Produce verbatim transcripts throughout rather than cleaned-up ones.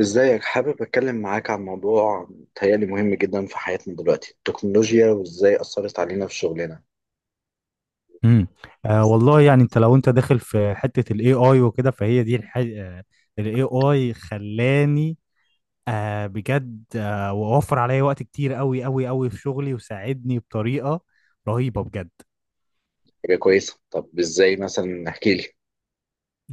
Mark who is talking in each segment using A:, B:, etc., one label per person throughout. A: ازيك، حابب اتكلم معاك عن موضوع متهيألي مهم جدا في حياتنا دلوقتي، التكنولوجيا وازاي اثرت علينا في شغلنا؟
B: امم آه والله، يعني انت لو انت داخل في حتة الاي اي وكده، فهي دي الح... آه الاي اي خلاني. آه بجد آه ووفر عليا وقت كتير قوي قوي قوي في شغلي وساعدني بطريقة رهيبة بجد.
A: حاجه كويسه. طب ازاي مثلا؟ احكي لي.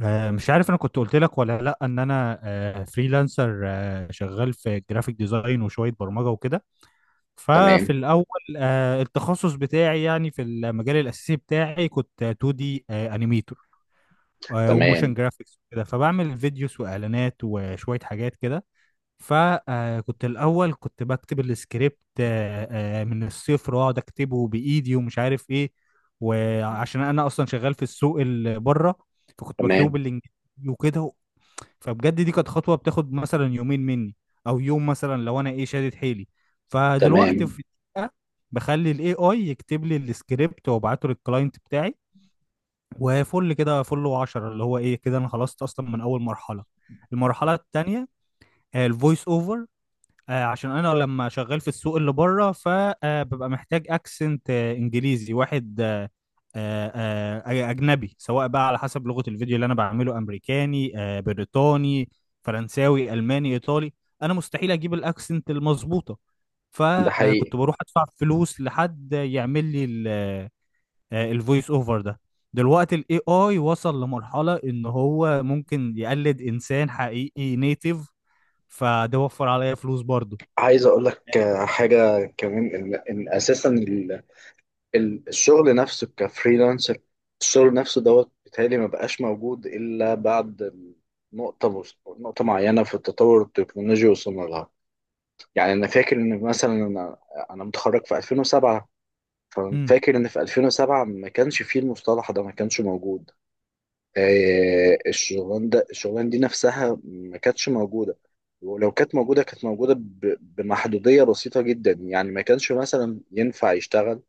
B: آه مش عارف انا كنت قلت لك ولا لا، ان انا آه فريلانسر، آه شغال في جرافيك ديزاين وشوية برمجة وكده. ففي
A: تمام.
B: الاول، آه التخصص بتاعي يعني في المجال الاساسي بتاعي كنت 2 دي انيميتور وموشن
A: تمام.
B: جرافيكس وكده، فبعمل فيديوز واعلانات وشويه حاجات كده. فكنت الاول كنت بكتب السكريبت، آه، آه، من الصفر واقعد اكتبه بايدي ومش عارف ايه. وعشان انا اصلا شغال في السوق اللي بره، فكنت بكتبه
A: تمام.
B: بالانجليزي وكده. فبجد دي كانت خطوه بتاخد مثلا يومين مني او يوم، مثلا لو انا ايه شادد حيلي. فدلوقتي
A: تمام.
B: في دقيقة بخلي الاي اي يكتب لي السكريبت وابعته للكلاينت بتاعي وفل كده فل وعشرة، اللي هو ايه كده انا خلصت اصلا من اول مرحله. المرحله التانيه آه، الفويس اوفر. آه، عشان انا لما شغال في السوق اللي بره، فببقى محتاج اكسنت آه، انجليزي واحد، آه، آه، آه، اجنبي، سواء بقى على حسب لغه الفيديو اللي انا بعمله، امريكاني آه، بريطاني فرنساوي الماني ايطالي. انا مستحيل اجيب الاكسنت المظبوطه،
A: ده حقيقي.
B: فكنت بروح ادفع فلوس لحد يعمل لي آه، الفويس اوفر ده. دلوقتي الاي اي وصل لمرحلة ان هو ممكن يقلد انسان حقيقي نيتيف، فده وفر عليا فلوس برضه.
A: عايز اقول لك آه، حاجه كمان ان, إن اساسا ال- ال- الشغل نفسه كفريلانسر، الشغل نفسه دوت، بيتهيألي ما بقاش موجود الا بعد نقطه نقطه معينه في التطور التكنولوجي وصلنا لها. يعني انا فاكر ان مثلا انا انا متخرج في ألفين وسبعة.
B: امم.
A: ففاكر ان في ألفين وسبعة ما كانش فيه المصطلح ده، ما كانش موجود. آه، الشغلان ده الشغلان دي نفسها ما كانتش موجودة. ولو كانت موجودة، كانت موجودة ب- بمحدودية بسيطة جدا، يعني ما كانش مثلا ينفع يشتغل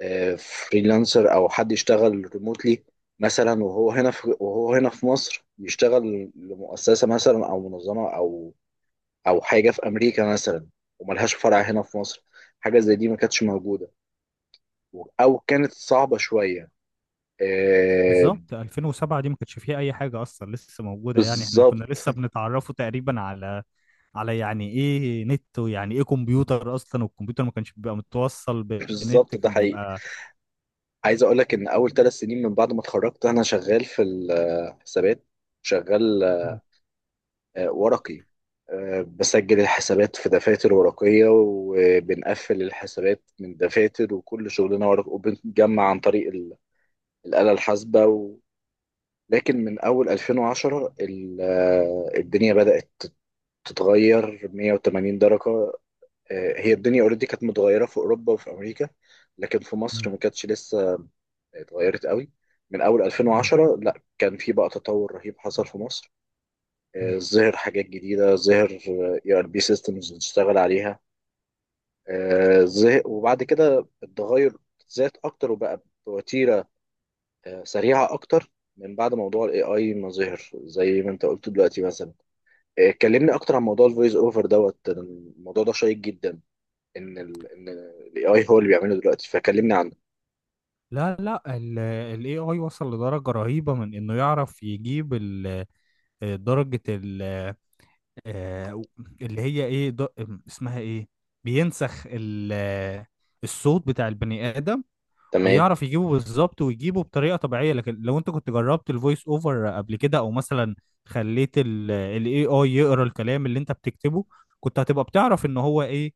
A: آه، فريلانسر او حد يشتغل ريموتلي، مثلا وهو هنا في وهو هنا في مصر يشتغل لمؤسسة مثلا او منظمة او او حاجه في امريكا مثلا، وملهاش فرع هنا في مصر. حاجه زي دي ما كانتش موجوده، او كانت صعبه شويه. آه.
B: بالظبط ألفين وسبعة دي ما كانش فيها اي حاجه اصلا لسه موجوده، يعني احنا كنا لسه
A: بالظبط.
B: بنتعرفوا تقريبا على على يعني ايه نت ويعني ايه كمبيوتر اصلا، والكمبيوتر ما كانش بيبقى متوصل بنت،
A: بالظبط، ده
B: كان
A: حقيقي.
B: بيبقى.
A: عايز اقول لك ان اول ثلاث سنين من بعد ما اتخرجت انا شغال في الحسابات، شغال
B: مم.
A: آه، ورقي، آه، بسجل الحسابات في دفاتر ورقية، وبنقفل الحسابات من دفاتر، وكل شغلنا ورق، وبنجمع عن طريق ال- الآلة الحاسبة. لكن من اول ألفين وعشرة ال- آه، الدنيا بدأت تتغير مائة وثمانين درجة. آه، هي الدنيا اوريدي كانت متغيرة في اوروبا وفي امريكا، لكن في مصر
B: مم.
A: ما كانتش لسه اتغيرت قوي. من اول
B: مم.
A: ألفين وعشرة لا، كان في بقى تطور رهيب حصل في مصر.
B: مم.
A: آه، ظهر حاجات جديدة. ظهر اي ار بي سيستمز بتشتغل عليها. آه، ظه- وبعد كده التغير زاد اكتر، وبقى بوتيرة آه، سريعة اكتر، من بعد موضوع الاي اي ما ظهر زي ما انت قلت. دلوقتي مثلا اتكلمني اكتر عن موضوع الفويس اوفر دوت. الموضوع ده شيق جدا، ان ال ان الاي اي هو اللي بيعمله دلوقتي. فكلمني عنه.
B: لا لا، الاي اي وصل لدرجه رهيبه من انه يعرف يجيب ال آه، درجة ال آه، اللي هي ايه د- اسمها ايه، بينسخ ال- آه، الصوت بتاع البني آدم،
A: تمام.
B: ويعرف يجيبه بالظبط ويجيبه بطريقة طبيعية. لكن لو انت كنت جربت الفويس اوفر قبل كده، او مثلا خليت الاي اي يقرا الكلام اللي انت بتكتبه، كنت هتبقى بتعرف ان هو ايه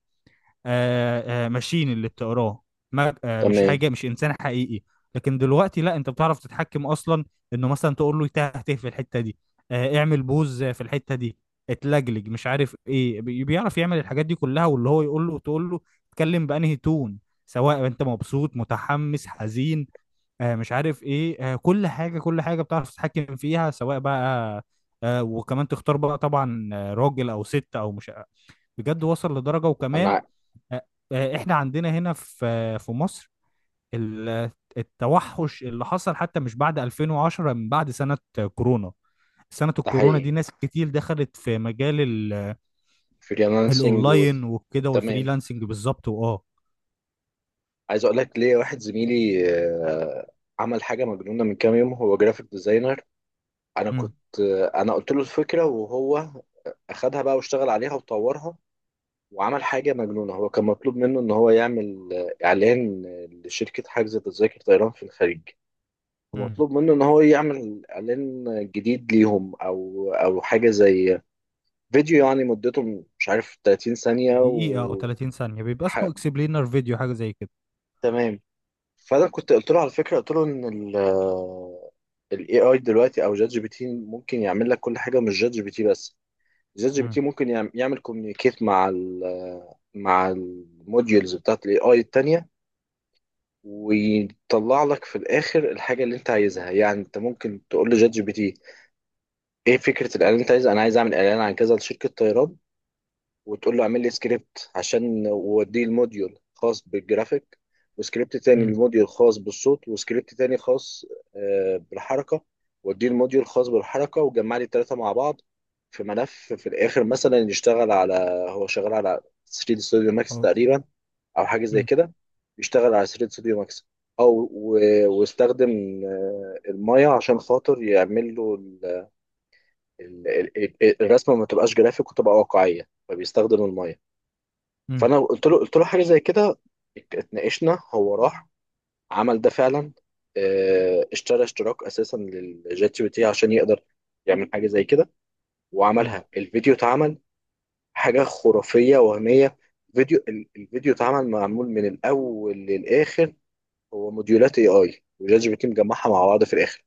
B: آه، آه، ماشين اللي بتقراه، ما- آه، مش
A: تمام.
B: حاجه، مش انسان حقيقي. لكن دلوقتي لا، انت بتعرف تتحكم اصلا انه مثلا تقول له تهته في الحته دي، آه، اعمل بوز في الحته دي، اتلجلج مش عارف ايه، بي- بيعرف يعمل الحاجات دي كلها، واللي هو يقول له تقول له اتكلم بانهي تون، سواء انت مبسوط متحمس حزين آه، مش عارف ايه. آه، كل حاجه كل حاجه بتعرف تتحكم فيها، سواء بقى آه، وكمان تختار بقى طبعا آه، راجل او ست او مش. بجد وصل لدرجه وكمان.
A: انا
B: آه، آه، احنا عندنا هنا في في مصر ال- التوحش اللي حصل حتى مش بعد ألفين وعشرة، من بعد سنة كورونا. سنة
A: ده
B: الكورونا
A: حقيقي.
B: دي ناس كتير دخلت في مجال ال-
A: فريلانسنج و...
B: الاونلاين وكده
A: تمام.
B: والفريلانسنج، بالظبط واه.
A: عايز اقول لك ليه. واحد زميلي آه، عمل حاجه مجنونه من كام يوم، هو جرافيك ديزاينر. انا
B: امم.
A: كنت آه، انا قلت له الفكره وهو اخدها بقى واشتغل عليها وطورها. وعمل حاجه مجنونه. هو كان مطلوب منه ان هو يعمل آه، اعلان آه، لشركه حجز تذاكر طيران في الخليج.
B: امم.
A: مطلوب منه ان هو يعمل اعلان جديد ليهم، او او حاجه زي فيديو يعني، مدته مش عارف ثلاثين ثانيه
B: دقيقة او
A: و
B: تلاتين ثانية بيبقى
A: ح-
B: اسمه اكسبلينر فيديو، حاجة زي كده.
A: تمام. فانا كنت قلت له على فكره، قلت له ان ال الاي اي دلوقتي او جات جي بي تي ممكن يعمل لك كل حاجه، مش جات جي بي تي بس. جات جي بي
B: امم.
A: تي ممكن يعم- يعمل كوميونيكيت مع ال مع الموديولز بتاعت الاي اي التانيه، ويطلع لك في الاخر الحاجه اللي انت عايزها. يعني انت ممكن تقول لجات جي بي تي ايه فكرة الاعلان اللي انت عايز، انا عايز اعمل اعلان عن كذا لشركة طيران، وتقول له اعمل لي سكريبت عشان ووديه الموديول خاص بالجرافيك، وسكريبت تاني
B: امم.
A: الموديول خاص بالصوت، وسكريبت تاني خاص آه، بالحركة، وديه الموديول خاص بالحركة، وجمع لي التلاتة مع بعض في ملف في الاخر. مثلا يشتغل على هو شغال على تري ستوديو ماكس
B: أو-
A: تقريبا، او حاجة زي كده، يشتغل على ثلاثة ستوديو ماكس، او و- واستخدم آه، المايه عشان خاطر يعمل له ال- ال- ال- الرسمه ما تبقاش جرافيك وتبقى واقعيه، فبيستخدم الميه.
B: امم.
A: فانا قلت له قلت له حاجه زي كده، ات- اتناقشنا، هو راح عمل ده فعلا. اه، اشترى اشتراك اساسا للجات جي بي تي عشان يقدر يعمل حاجه زي كده، وعملها. الفيديو اتعمل حاجه خرافيه وهميه. فيديو ال- الفيديو اتعمل، معمول من الاول للاخر، هو موديولات اي اي وجات جي بي تي مجمعها مع بعض في الاخر.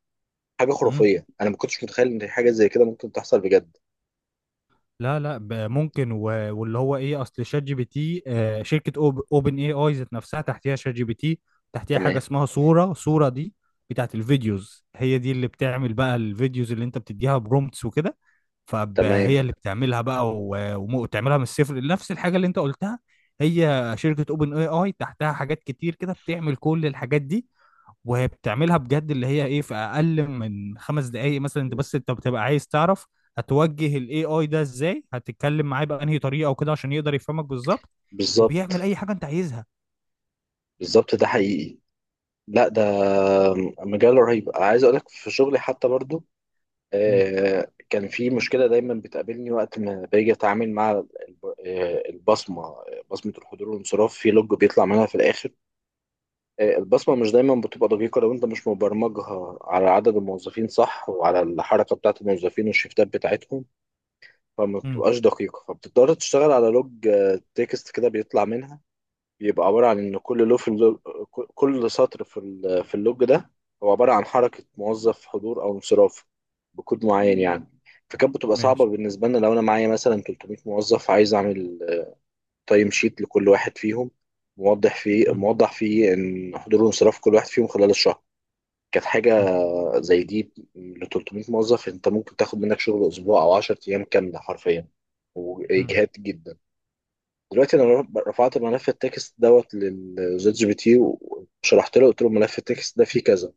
A: حاجه
B: امم.
A: خرافيه، انا ما كنتش متخيل ان حاجه زي كده ممكن تحصل بجد.
B: لا لا، ب- ممكن، و... واللي هو ايه، اصل شات جي بي تي آه، شركه أوب... اوبن اي اي ذات نفسها تحتيها شات جي بي تي، تحتيها حاجه
A: تمام.
B: اسمها صوره. صوره دي بتاعت الفيديوز، هي دي اللي بتعمل بقى الفيديوز اللي انت بتديها برومتس وكده.
A: تمام.
B: فهي اللي بتعملها بقى، و... وم- وتعملها من الصفر، نفس الحاجه اللي انت قلتها. هي شركه اوبن اي اي تحتها حاجات كتير كده، بتعمل كل الحاجات دي، وهي بتعملها بجد، اللي هي ايه، في اقل من خمس دقايق مثلا. انت بس انت بتبقى عايز تعرف هتوجه الاي اي ده ازاي، هتتكلم معاه بانهي طريقه وكده، عشان يقدر يفهمك بالظبط وبيعمل
A: بالظبط.
B: اي حاجه انت عايزها.
A: بالظبط، ده حقيقي. لا، ده مجال رهيب. عايز اقول لك في شغلي حتى برضو،
B: مم.
A: آه، كان في مشكله دايما بتقابلني وقت ما باجي اتعامل مع الب- آه، البصمه، بصمه الحضور والانصراف، في لوج بيطلع منها في الاخر. آه، البصمه مش دايما بتبقى دقيقه لو انت مش مبرمجها على عدد الموظفين صح وعلى الحركه بتاعه الموظفين والشيفتات بتاعتهم، فما
B: امم.
A: بتبقاش دقيقه. فبتضطر تشتغل على لوج آه، تكست كده بيطلع منها، بيبقى عبارة عن إن كل لو في اللو... كل سطر في ال... في اللوج ده هو عبارة عن حركة موظف، حضور أو انصراف بكود معين يعني. فكانت بتبقى صعبة
B: ماشي.
A: بالنسبة لنا لو أنا معايا مثلا تلتمية موظف، عايز أعمل تايم شيت لكل واحد فيهم، موضح فيه
B: امم.
A: موضح فيه إن حضور وانصراف كل واحد فيهم خلال الشهر. كانت حاجة
B: امم.
A: زي دي ل تلتمية موظف، أنت ممكن تاخد منك شغل أسبوع أو عشرة أيام كاملة حرفيا،
B: امم.
A: وإجهاد جدا. دلوقتي انا رف- رفعت ملف التكست دوت للشات جي بي تي، وشرحت له، قلت له ملف التكست ده فيه كذا،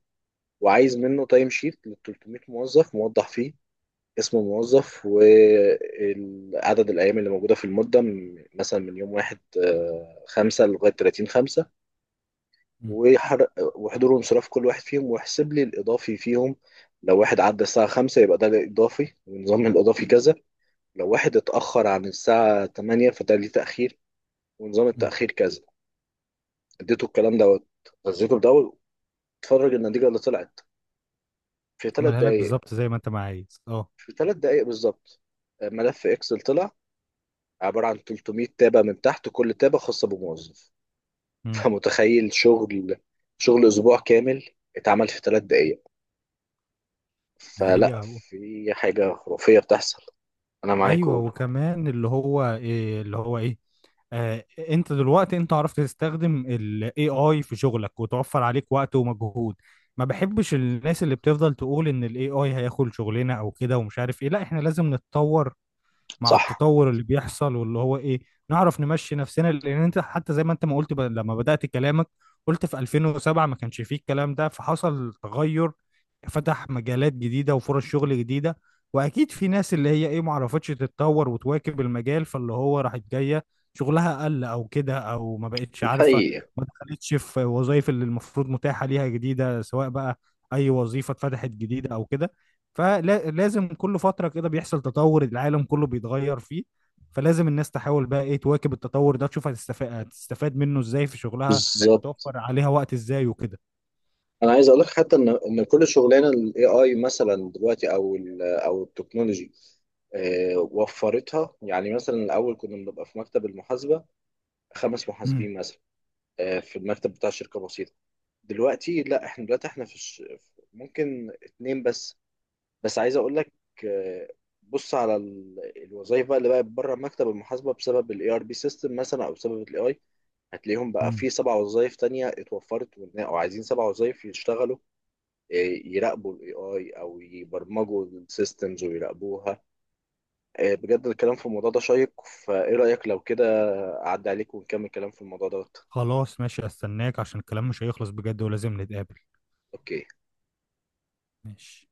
A: وعايز منه تايم شيت لل تلتمية موظف موضح فيه اسم الموظف وعدد الايام اللي موجوده في المده من- مثلا من يوم واحد خمسة لغايه تلاتين خمسة،
B: امم.
A: وحر- وحضور وانصراف كل واحد فيهم، ويحسب لي الاضافي فيهم. لو واحد عدى الساعه خمسة يبقى ده الاضافي، ونظام الاضافي كذا. لو واحد اتاخر عن الساعه تمانية فده ليه تاخير، ونظام
B: امم.
A: التأخير كذا. اديته الكلام دوت، غذيته بدواء، اتفرج النتيجه اللي طلعت في ثلاث
B: عملها لك
A: دقائق
B: بالظبط زي ما انت ما عايز، اه.
A: في ثلاث دقائق بالظبط، آه، ملف اكسل طلع عباره عن تلتمية تابه، من تحت كل تابه خاصه بموظف.
B: امم.
A: فمتخيل شغل، شغل اسبوع كامل اتعمل في ثلاث دقائق!
B: هي
A: فلا،
B: هو.
A: في حاجه خرافيه بتحصل. انا معاك
B: ايوه،
A: اقول.
B: وكمان اللي هو إيه اللي هو ايه، آه، انت دلوقتي انت عرفت تستخدم ال إيه آي في شغلك وتوفر عليك وقت ومجهود. ما بحبش الناس اللي بتفضل تقول ان ال إيه آي هياخد شغلنا او كده ومش عارف ايه. لا، احنا لازم نتطور مع
A: صح.
B: التطور اللي بيحصل، واللي هو ايه، نعرف نمشي نفسنا، لان انت حتى زي ما انت ما قلت ب... لما بدأت كلامك، قلت في ألفين وسبعة ما كانش فيه الكلام ده، فحصل تغير، فتح مجالات جديدة وفرص شغل جديدة. واكيد في ناس اللي هي ايه ما عرفتش تتطور وتواكب المجال، فاللي هو راحت جاية شغلها قل او كده، او ما بقتش
A: ده
B: عارفة
A: حقيقي.
B: ما دخلتش في وظائف اللي المفروض متاحة ليها جديدة، سواء بقى اي وظيفة اتفتحت جديدة او كده. فلازم كل فترة كده بيحصل تطور، العالم كله بيتغير فيه، فلازم الناس تحاول بقى ايه تواكب التطور ده، تشوف هتستفاد هتستفاد منه ازاي في شغلها،
A: بالظبط.
B: هتوفر عليها وقت ازاي وكده.
A: انا عايز اقول لك حتى ان ان كل شغلانه الاي اي مثلا دلوقتي او ال او التكنولوجي آه، وفرتها. يعني مثلا الاول كنا بنبقى في مكتب المحاسبه خمس
B: امم.
A: محاسبين مثلا، آه، في المكتب بتاع شركه بسيطه. دلوقتي لا، احنا دلوقتي احنا في الش... ممكن اتنين بس. بس عايز اقول لك، آه، بص على ال- الوظايف بقى اللي بقت بره مكتب المحاسبه بسبب الاي ار بي سيستم مثلا او بسبب الاي اي، هتلاقيهم بقى
B: امم.
A: في سبع وظايف تانية اتوفرت، وإن- او عايزين سبع وظايف يشتغلوا، يراقبوا الاي اي او يبرمجوا السيستمز ويراقبوها. آه، بجد الكلام في الموضوع ده شيق. فايه رأيك لو كده، اعدي عليك ونكمل كلام في الموضوع ده؟
B: خلاص، ماشي، استناك عشان الكلام مش هيخلص بجد، ولازم نتقابل.
A: اوكي.
B: ماشي.